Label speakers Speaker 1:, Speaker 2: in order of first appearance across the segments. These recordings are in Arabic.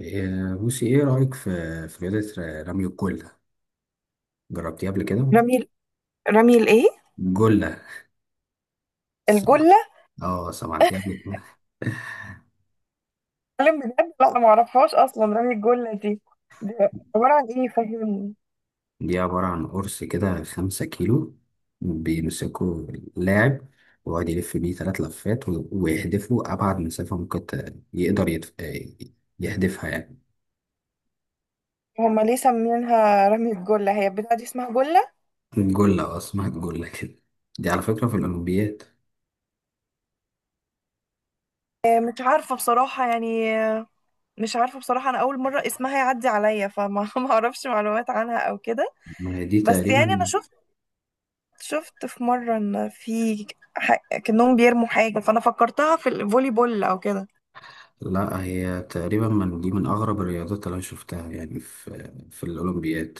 Speaker 1: إيه، بصي ايه رأيك في رياضة رمي الجلة. جربتيها قبل كده؟
Speaker 2: رمي رمي
Speaker 1: جلة. سمعت.
Speaker 2: الجلة.
Speaker 1: اه، سمعتيها قبل كده؟
Speaker 2: اتكلم بجد، لا أنا معرفهاش أصلا، رمي الجلة دي عبارة عن إيه؟ فهمني.
Speaker 1: دي عبارة عن قرص كده 5 كيلو. بيمسكوا اللاعب ويقعد يلف بيه 3 لفات ويهدفوا أبعد مسافة ممكن، يقدر يتف... إيه، يهدفها يعني.
Speaker 2: هما ليه سمينها رمي الجلة؟ هي البتاعة دي اسمها جلة؟
Speaker 1: الجلة، اه اسمها الجلة كده. دي على فكرة في الأولمبياد.
Speaker 2: مش عارفة بصراحة يعني، مش عارفة بصراحة. أنا أول مرة اسمها يعدي عليا، فما ما أعرفش معلومات عنها أو كده.
Speaker 1: ما هي دي
Speaker 2: بس يعني أنا
Speaker 1: تقريبا.
Speaker 2: شفت في مرة إن في كأنهم بيرموا حاجة، فأنا فكرتها في الفولي بول أو كده.
Speaker 1: لا، هي تقريبا من دي، من أغرب الرياضات اللي أنا شفتها يعني في الأولمبياد.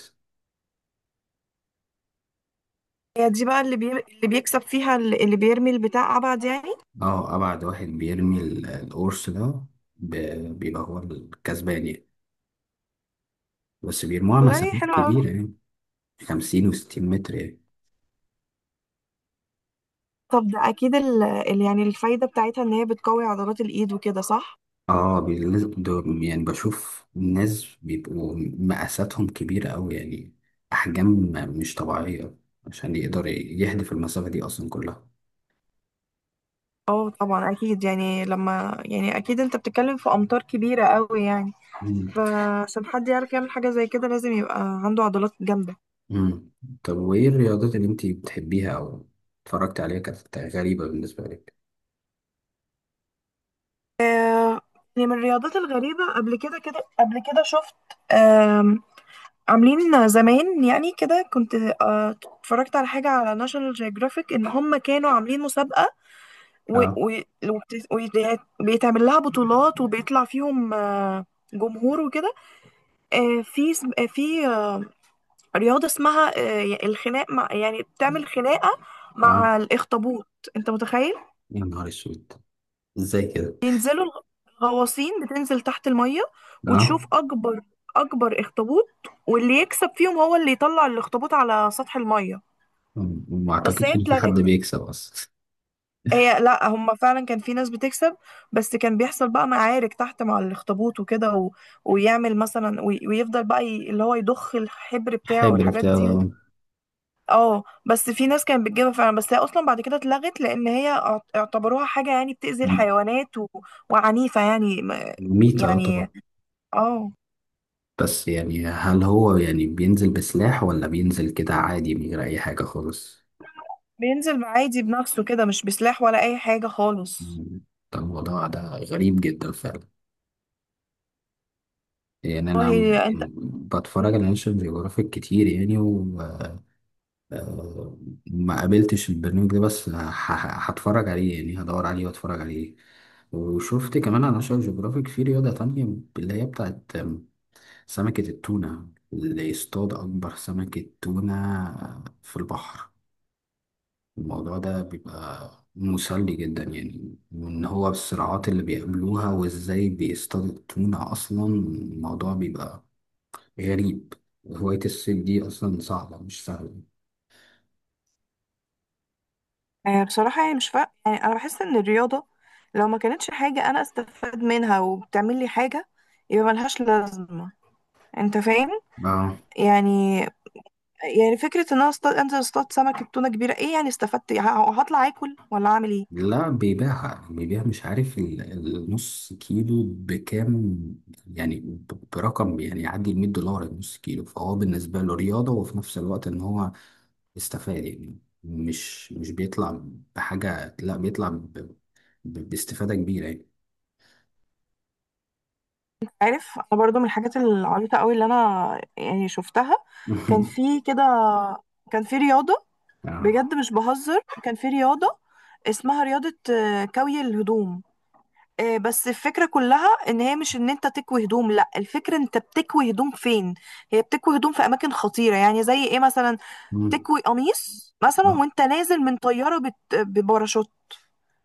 Speaker 2: هي دي بقى اللي بيكسب فيها، اللي بيرمي البتاع أبعد يعني.
Speaker 1: اه، ابعد واحد بيرمي القرص ده بيبقى هو الكسبان يعني. بس بيرموها
Speaker 2: والله
Speaker 1: مسافات
Speaker 2: حلو قوي.
Speaker 1: كبيرة يعني، 50 و60 متر يعني.
Speaker 2: طب ده اكيد يعني الفايدة بتاعتها ان هي بتقوي عضلات الايد وكده، صح؟
Speaker 1: اه، دول يعني بشوف ناس بيبقوا مقاساتهم كبيرة أوي يعني، أحجام مش طبيعية، عشان يقدر يهدف المسافة دي أصلا كلها.
Speaker 2: اه طبعا اكيد يعني، لما يعني اكيد انت بتتكلم في امتار كبيرة قوي يعني.
Speaker 1: مم.
Speaker 2: فعشان حد يعرف يعمل حاجة زي كده لازم يبقى عنده عضلات جامدة.
Speaker 1: مم. طب وإيه الرياضات اللي أنتي بتحبيها أو اتفرجت عليها كانت غريبة بالنسبة لك؟
Speaker 2: يعني من الرياضات الغريبة قبل كده، كده قبل كده شفت، آم، عاملين زمان يعني كده كنت، اتفرجت على حاجة على ناشونال جيوغرافيك ان هم كانوا عاملين مسابقة، و...
Speaker 1: اه.
Speaker 2: و... وبت- وبيتعمل لها بطولات وبيطلع فيهم جمهور وكده. آه، في سم- آه، في آه، رياضة اسمها الخناق، مع يعني بتعمل خناقة
Speaker 1: اه،
Speaker 2: مع الأخطبوط. أنت متخيل؟
Speaker 1: يا نهار اسود! ازاي كده؟
Speaker 2: ينزلوا الغ- الغواصين بتنزل تحت المية
Speaker 1: اه،
Speaker 2: وتشوف أكبر أخطبوط، واللي يكسب فيهم هو اللي يطلع الأخطبوط على سطح المية.
Speaker 1: وما
Speaker 2: بس هي
Speaker 1: اعتقدش ان في
Speaker 2: اتلغت.
Speaker 1: حد بيكسب اصلا.
Speaker 2: لا هم فعلا كان في ناس بتكسب، بس كان بيحصل بقى معارك تحت مع الأخطبوط وكده، و... ويعمل مثلا وي... ويفضل بقى اللي هو يضخ الحبر بتاعه
Speaker 1: حبر
Speaker 2: والحاجات
Speaker 1: بتاع
Speaker 2: دي.
Speaker 1: ده.
Speaker 2: اه بس في ناس كانت بتجيبها فعلا، بس هي اصلا بعد كده اتلغت، لان هي اعتبروها حاجه يعني بتأذي الحيوانات، و... وعنيفه يعني
Speaker 1: ميتة، اه طبعا.
Speaker 2: يعني اه.
Speaker 1: بس يعني هل هو يعني بينزل بسلاح ولا بينزل كده عادي من غير اي حاجة خالص؟
Speaker 2: بينزل عادي بنفسه كده، مش بسلاح ولا اي حاجه خالص.
Speaker 1: مم. ده الموضوع ده غريب جدا فعلا. يعني انا
Speaker 2: والله انت،
Speaker 1: بتفرج على ناشونال جيوغرافيك كتير يعني وما قابلتش البرنامج ده، بس هتفرج عليه يعني، هدور عليه واتفرج عليه. وشفت كمان على ناشونال جيوغرافيك في رياضة تانية، اللي هي بتاعت سمكة التونة، اللي يصطاد أكبر سمكة تونة في البحر. الموضوع ده بيبقى مسلي جدا يعني، وإن هو الصراعات اللي بيقابلوها وإزاي بيصطادوا التونة أصلا، الموضوع بيبقى غريب. هواية الصيد دي أصلا صعبة، مش سهلة.
Speaker 2: بصراحة يعني مش فا... يعني أنا بحس إن الرياضة لو ما كانتش حاجة أنا أستفاد منها وبتعمل لي حاجة يبقى ملهاش لازمة. أنت فاهم؟
Speaker 1: آه.
Speaker 2: يعني، يعني فكرة إن أنا أصطاد، أنزل أصطاد سمكة تونة كبيرة، إيه يعني استفدت؟ هطلع آكل ولا أعمل إيه؟
Speaker 1: لا، بيبيعها، بيبيع، مش عارف النص كيلو بكام، يعني برقم يعني يعدي ال 100 دولار النص كيلو، فهو بالنسبة له رياضة وفي نفس الوقت إن هو استفاد يعني. مش بيطلع بحاجة، لا بيطلع باستفادة كبيرة يعني.
Speaker 2: عارف، انا برضو من الحاجات العبيطه قوي اللي انا يعني شفتها، كان في كده، كان في رياضه،
Speaker 1: اه.
Speaker 2: بجد مش بهزر، كان في رياضه اسمها رياضه كوي الهدوم. بس الفكره كلها ان هي مش ان انت تكوي هدوم، لا الفكره انت بتكوي هدوم فين. هي بتكوي هدوم في اماكن خطيره. يعني زي ايه مثلا؟
Speaker 1: مم.
Speaker 2: تكوي قميص مثلا
Speaker 1: لا،
Speaker 2: وانت نازل من طياره بباراشوت،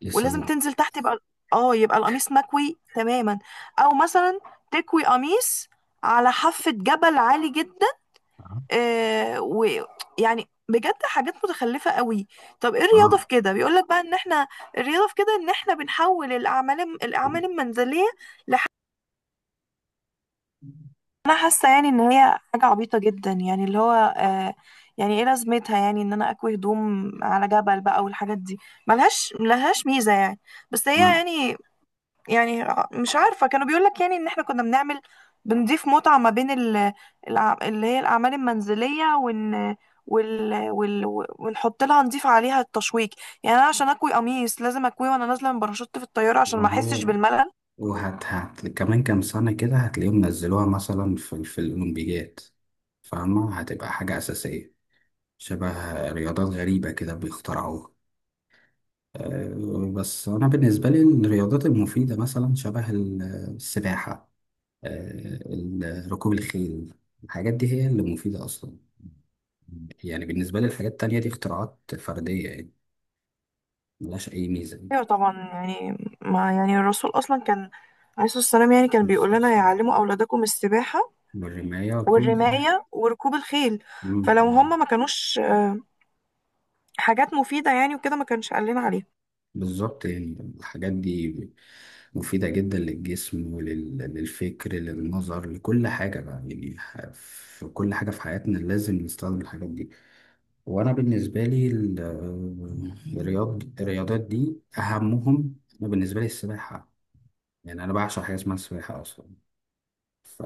Speaker 1: لسه دي.
Speaker 2: ولازم تنزل تحت، يبقى اه يبقى القميص مكوي تماما. او مثلا تكوي قميص على حافة جبل عالي جدا.
Speaker 1: اه.
Speaker 2: آه، ويعني بجد حاجات متخلفة قوي. طب ايه الرياضة
Speaker 1: آه.
Speaker 2: في كده؟ بيقولك بقى ان احنا، الرياضة في كده ان احنا بنحول الاعمال المنزلية لح... انا حاسة يعني ان هي حاجة عبيطة جدا، يعني اللي هو آه، يعني ايه لازمتها؟ يعني ان انا اكوي هدوم على جبل بقى والحاجات دي، ملهاش ميزة يعني. بس هي
Speaker 1: ما
Speaker 2: يعني، يعني مش عارفة، كانوا بيقولك يعني ان احنا كنا بنعمل، بنضيف متعة ما بين اللي هي الأعمال المنزلية، وإن وال... وال... ونحط لها، نضيف عليها التشويق. يعني أنا عشان أكوي قميص لازم أكويه وأنا نازلة من باراشوت في الطيارة عشان ما
Speaker 1: ما
Speaker 2: أحسش
Speaker 1: هو،
Speaker 2: بالملل.
Speaker 1: وهت هت كمان كام سنة كده هتلاقيهم نزلوها مثلا في الأولمبيات، فاهمة؟ هتبقى حاجة أساسية، شبه رياضات غريبة كده بيخترعوها. أه، بس أنا بالنسبة لي الرياضات المفيدة مثلا، شبه السباحة، ركوب الخيل، الحاجات دي هي اللي مفيدة أصلا. يعني بالنسبة لي الحاجات التانية دي اختراعات فردية يعني، ملهاش أي ميزة يعني.
Speaker 2: أيوة طبعا يعني، ما يعني الرسول أصلا كان، عليه الصلاة والسلام، يعني كان بيقول لنا يعلموا أولادكم السباحة
Speaker 1: والرماية والكم.
Speaker 2: والرماية وركوب الخيل.
Speaker 1: مم.
Speaker 2: فلو هم ما كانوش حاجات مفيدة يعني وكده ما كانش قال لنا عليها.
Speaker 1: بالظبط. يعني الحاجات دي مفيدة جدا للجسم وللفكر، للنظر، لكل حاجة بقى، يعني في كل حاجة في حياتنا لازم نستخدم الحاجات دي. وأنا بالنسبة لي الرياضات دي أهمهم. أنا بالنسبة لي السباحة، يعني انا بعشق حاجه اسمها السباحه اصلا. ف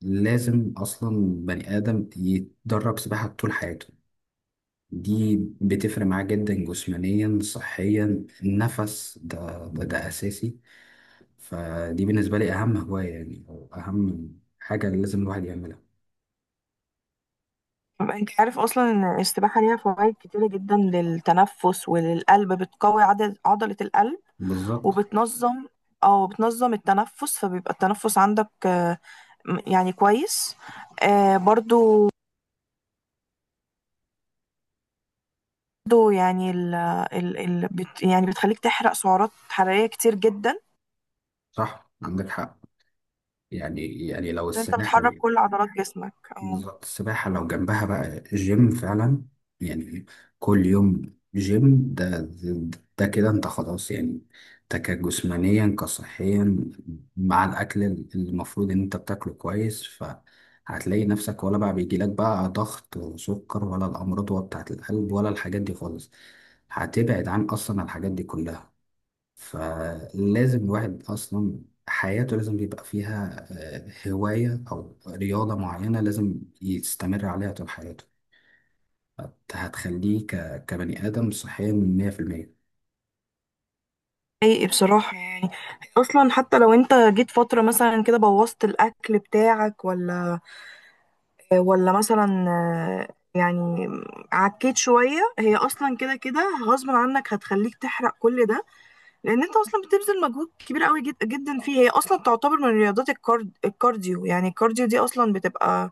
Speaker 1: لازم اصلا بني ادم يتدرب سباحه طول حياته. دي بتفرق معاه جدا، جسمانيا، صحيا، النفس، ده اساسي. فدي بالنسبه لي اهم هوايه يعني، او اهم حاجه اللي لازم الواحد يعملها.
Speaker 2: انت عارف اصلا ان السباحه ليها فوائد كتيره جدا للتنفس وللقلب، بتقوي عدد عضله القلب
Speaker 1: بالظبط.
Speaker 2: وبتنظم، او بتنظم التنفس، فبيبقى التنفس عندك يعني كويس. برضو، برضو يعني ال يعني بتخليك تحرق سعرات حراريه كتير جدا،
Speaker 1: صح، عندك حق. يعني لو
Speaker 2: عشان انت
Speaker 1: السباحه.
Speaker 2: بتحرك كل عضلات جسمك اه.
Speaker 1: بالظبط، السباحة لو جنبها بقى جيم فعلا، يعني كل يوم جيم، ده كده انت خلاص يعني. ده كجسمانيا، كصحيا، مع الأكل اللي المفروض إن انت بتاكله كويس، فهتلاقي نفسك ولا بقى بيجيلك بقى ضغط وسكر ولا الأمراض بتاعة القلب ولا الحاجات دي خالص. هتبعد عن أصلا الحاجات دي كلها. فلازم الواحد أصلا حياته لازم يبقى فيها هواية أو رياضة معينة، لازم يستمر عليها طول حياته. هتخليه كبني آدم صحيا 100%.
Speaker 2: حقيقي بصراحه يعني، اصلا حتى لو انت جيت فتره مثلا كده بوظت الاكل بتاعك ولا، ولا مثلا يعني عكيت شوية، هي أصلا كده كده غصب عنك هتخليك تحرق كل ده، لأن أنت أصلا بتبذل مجهود كبير قوي جدا فيه. هي أصلا تعتبر من رياضات الكارديو، يعني الكارديو دي أصلا بتبقى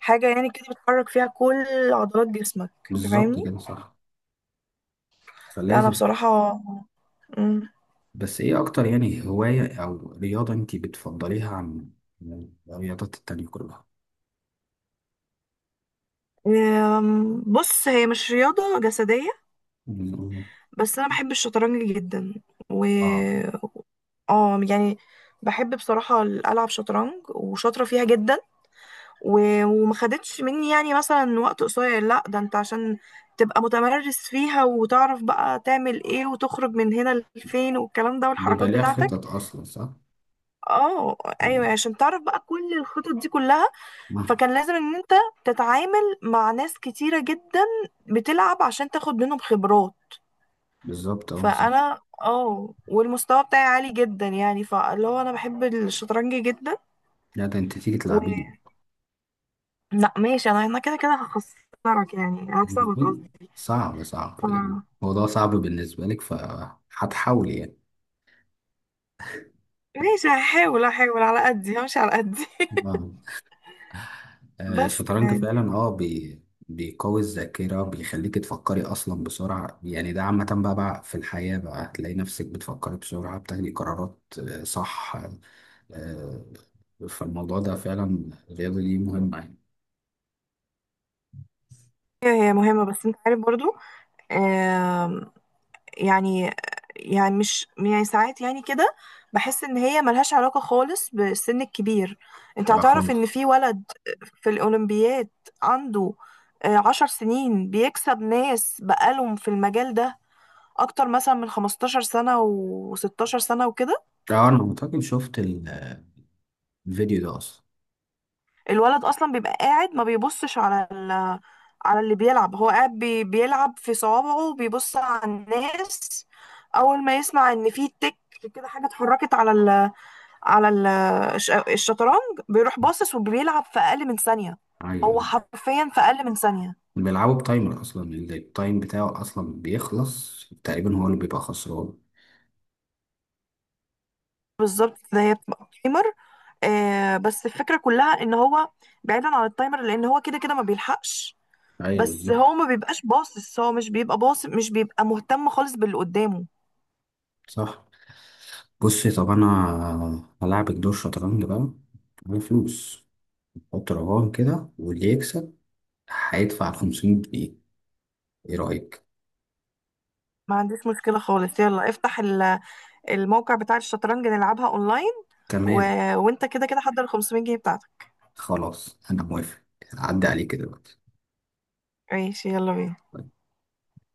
Speaker 2: حاجة يعني كده بتحرك فيها كل عضلات جسمك. أنت
Speaker 1: بالظبط
Speaker 2: فاهمني؟
Speaker 1: كده، صح.
Speaker 2: لا أنا
Speaker 1: فلازم.
Speaker 2: بصراحة، مم.
Speaker 1: بس إيه أكتر يعني هواية أو رياضة أنت بتفضليها عن الرياضات التانية كلها؟
Speaker 2: بص، هي مش رياضة جسدية،
Speaker 1: مم.
Speaker 2: بس أنا بحب الشطرنج جدا و...
Speaker 1: آه.
Speaker 2: اه يعني بحب بصراحة ألعب شطرنج، وشاطرة فيها جدا. وما خدتش مني يعني مثلا وقت قصير، لا ده انت عشان تبقى متمرس فيها وتعرف بقى تعمل ايه وتخرج من هنا لفين، والكلام ده
Speaker 1: بيبقى
Speaker 2: والحركات
Speaker 1: ليها
Speaker 2: بتاعتك.
Speaker 1: خطط أصلا، صح؟
Speaker 2: اه. ايوه يعني
Speaker 1: مم.
Speaker 2: عشان تعرف بقى كل الخطط دي كلها.
Speaker 1: آه.
Speaker 2: فكان لازم ان انت تتعامل مع ناس كتيرة جدا بتلعب عشان تاخد منهم خبرات.
Speaker 1: بالظبط، أه بالظبط.
Speaker 2: فانا اه، والمستوى بتاعي عالي جدا يعني، فاللي هو انا بحب الشطرنج جدا.
Speaker 1: لا ده أنت تيجي
Speaker 2: و
Speaker 1: تلعبي.
Speaker 2: لا ماشي، انا كده كده هخسرك، يعني هكسبك
Speaker 1: مهم.
Speaker 2: قصدي.
Speaker 1: صعب
Speaker 2: ف
Speaker 1: صعب، يعني الموضوع صعب بالنسبة لك فهتحاول يعني.
Speaker 2: ماشي، هحاول على قدي، همشي على قدي.
Speaker 1: آه.
Speaker 2: بس
Speaker 1: الشطرنج
Speaker 2: يعني،
Speaker 1: فعلا. اه بي بيقوي الذاكرة، بيخليك تفكري أصلا بسرعة يعني، ده عامة بقى في الحياة بقى هتلاقي نفسك بتفكري بسرعة، بتاخدي قرارات، صح. آه. فالموضوع ده فعلا، الرياضة دي مهمة يعني.
Speaker 2: هي مهمة، بس انت عارف برضو، آم، يعني يعني مش يعني ساعات يعني كده بحس ان هي ملهاش علاقة خالص بالسن الكبير. انت
Speaker 1: آه،
Speaker 2: هتعرف ان
Speaker 1: خالص.
Speaker 2: في ولد في الاولمبياد عنده 10 سنين بيكسب ناس بقالهم في المجال ده اكتر مثلا من 15 سنة و16 سنة وكده.
Speaker 1: أنا أعتقد شفت الفيديو ده أصلا.
Speaker 2: الولد اصلا بيبقى قاعد ما بيبصش على ال... على اللي بيلعب، هو قاعد بيلعب في صوابعه وبيبص على الناس. اول ما يسمع ان في تك كده، حاجه اتحركت على ال... على ال... الشطرنج، بيروح باصص وبيلعب في اقل من ثانيه. هو
Speaker 1: أيوه.
Speaker 2: حرفيا في اقل من ثانيه.
Speaker 1: بيلعبوا بتايمر اصلا، اللي التايم بتاعه اصلا بيخلص تقريبا هو اللي بيبقى خسران.
Speaker 2: بالظبط، ده هي بتبقى تايمر. آه، بس الفكره كلها ان هو بعيدا عن التايمر لان هو كده كده ما بيلحقش.
Speaker 1: ايوه،
Speaker 2: بس
Speaker 1: بالظبط.
Speaker 2: هو ما بيبقاش باصص، هو مش بيبقى باصص، مش بيبقى مهتم خالص باللي قدامه.
Speaker 1: صح. بصي، طب انا هلعبك دور شطرنج بقى على فلوس، حط رقم كده، واللي يكسب هيدفع 500 جنيه، ايه رايك؟
Speaker 2: ما عنديش مشكلة خالص، يلا افتح الموقع بتاع الشطرنج نلعبها اونلاين. و...
Speaker 1: تمام.
Speaker 2: وانت كده كده حضر ال 500 جنيه بتاعتك.
Speaker 1: خلاص، انا موافق. عدى عليك دلوقتي.
Speaker 2: ماشي يلا بينا.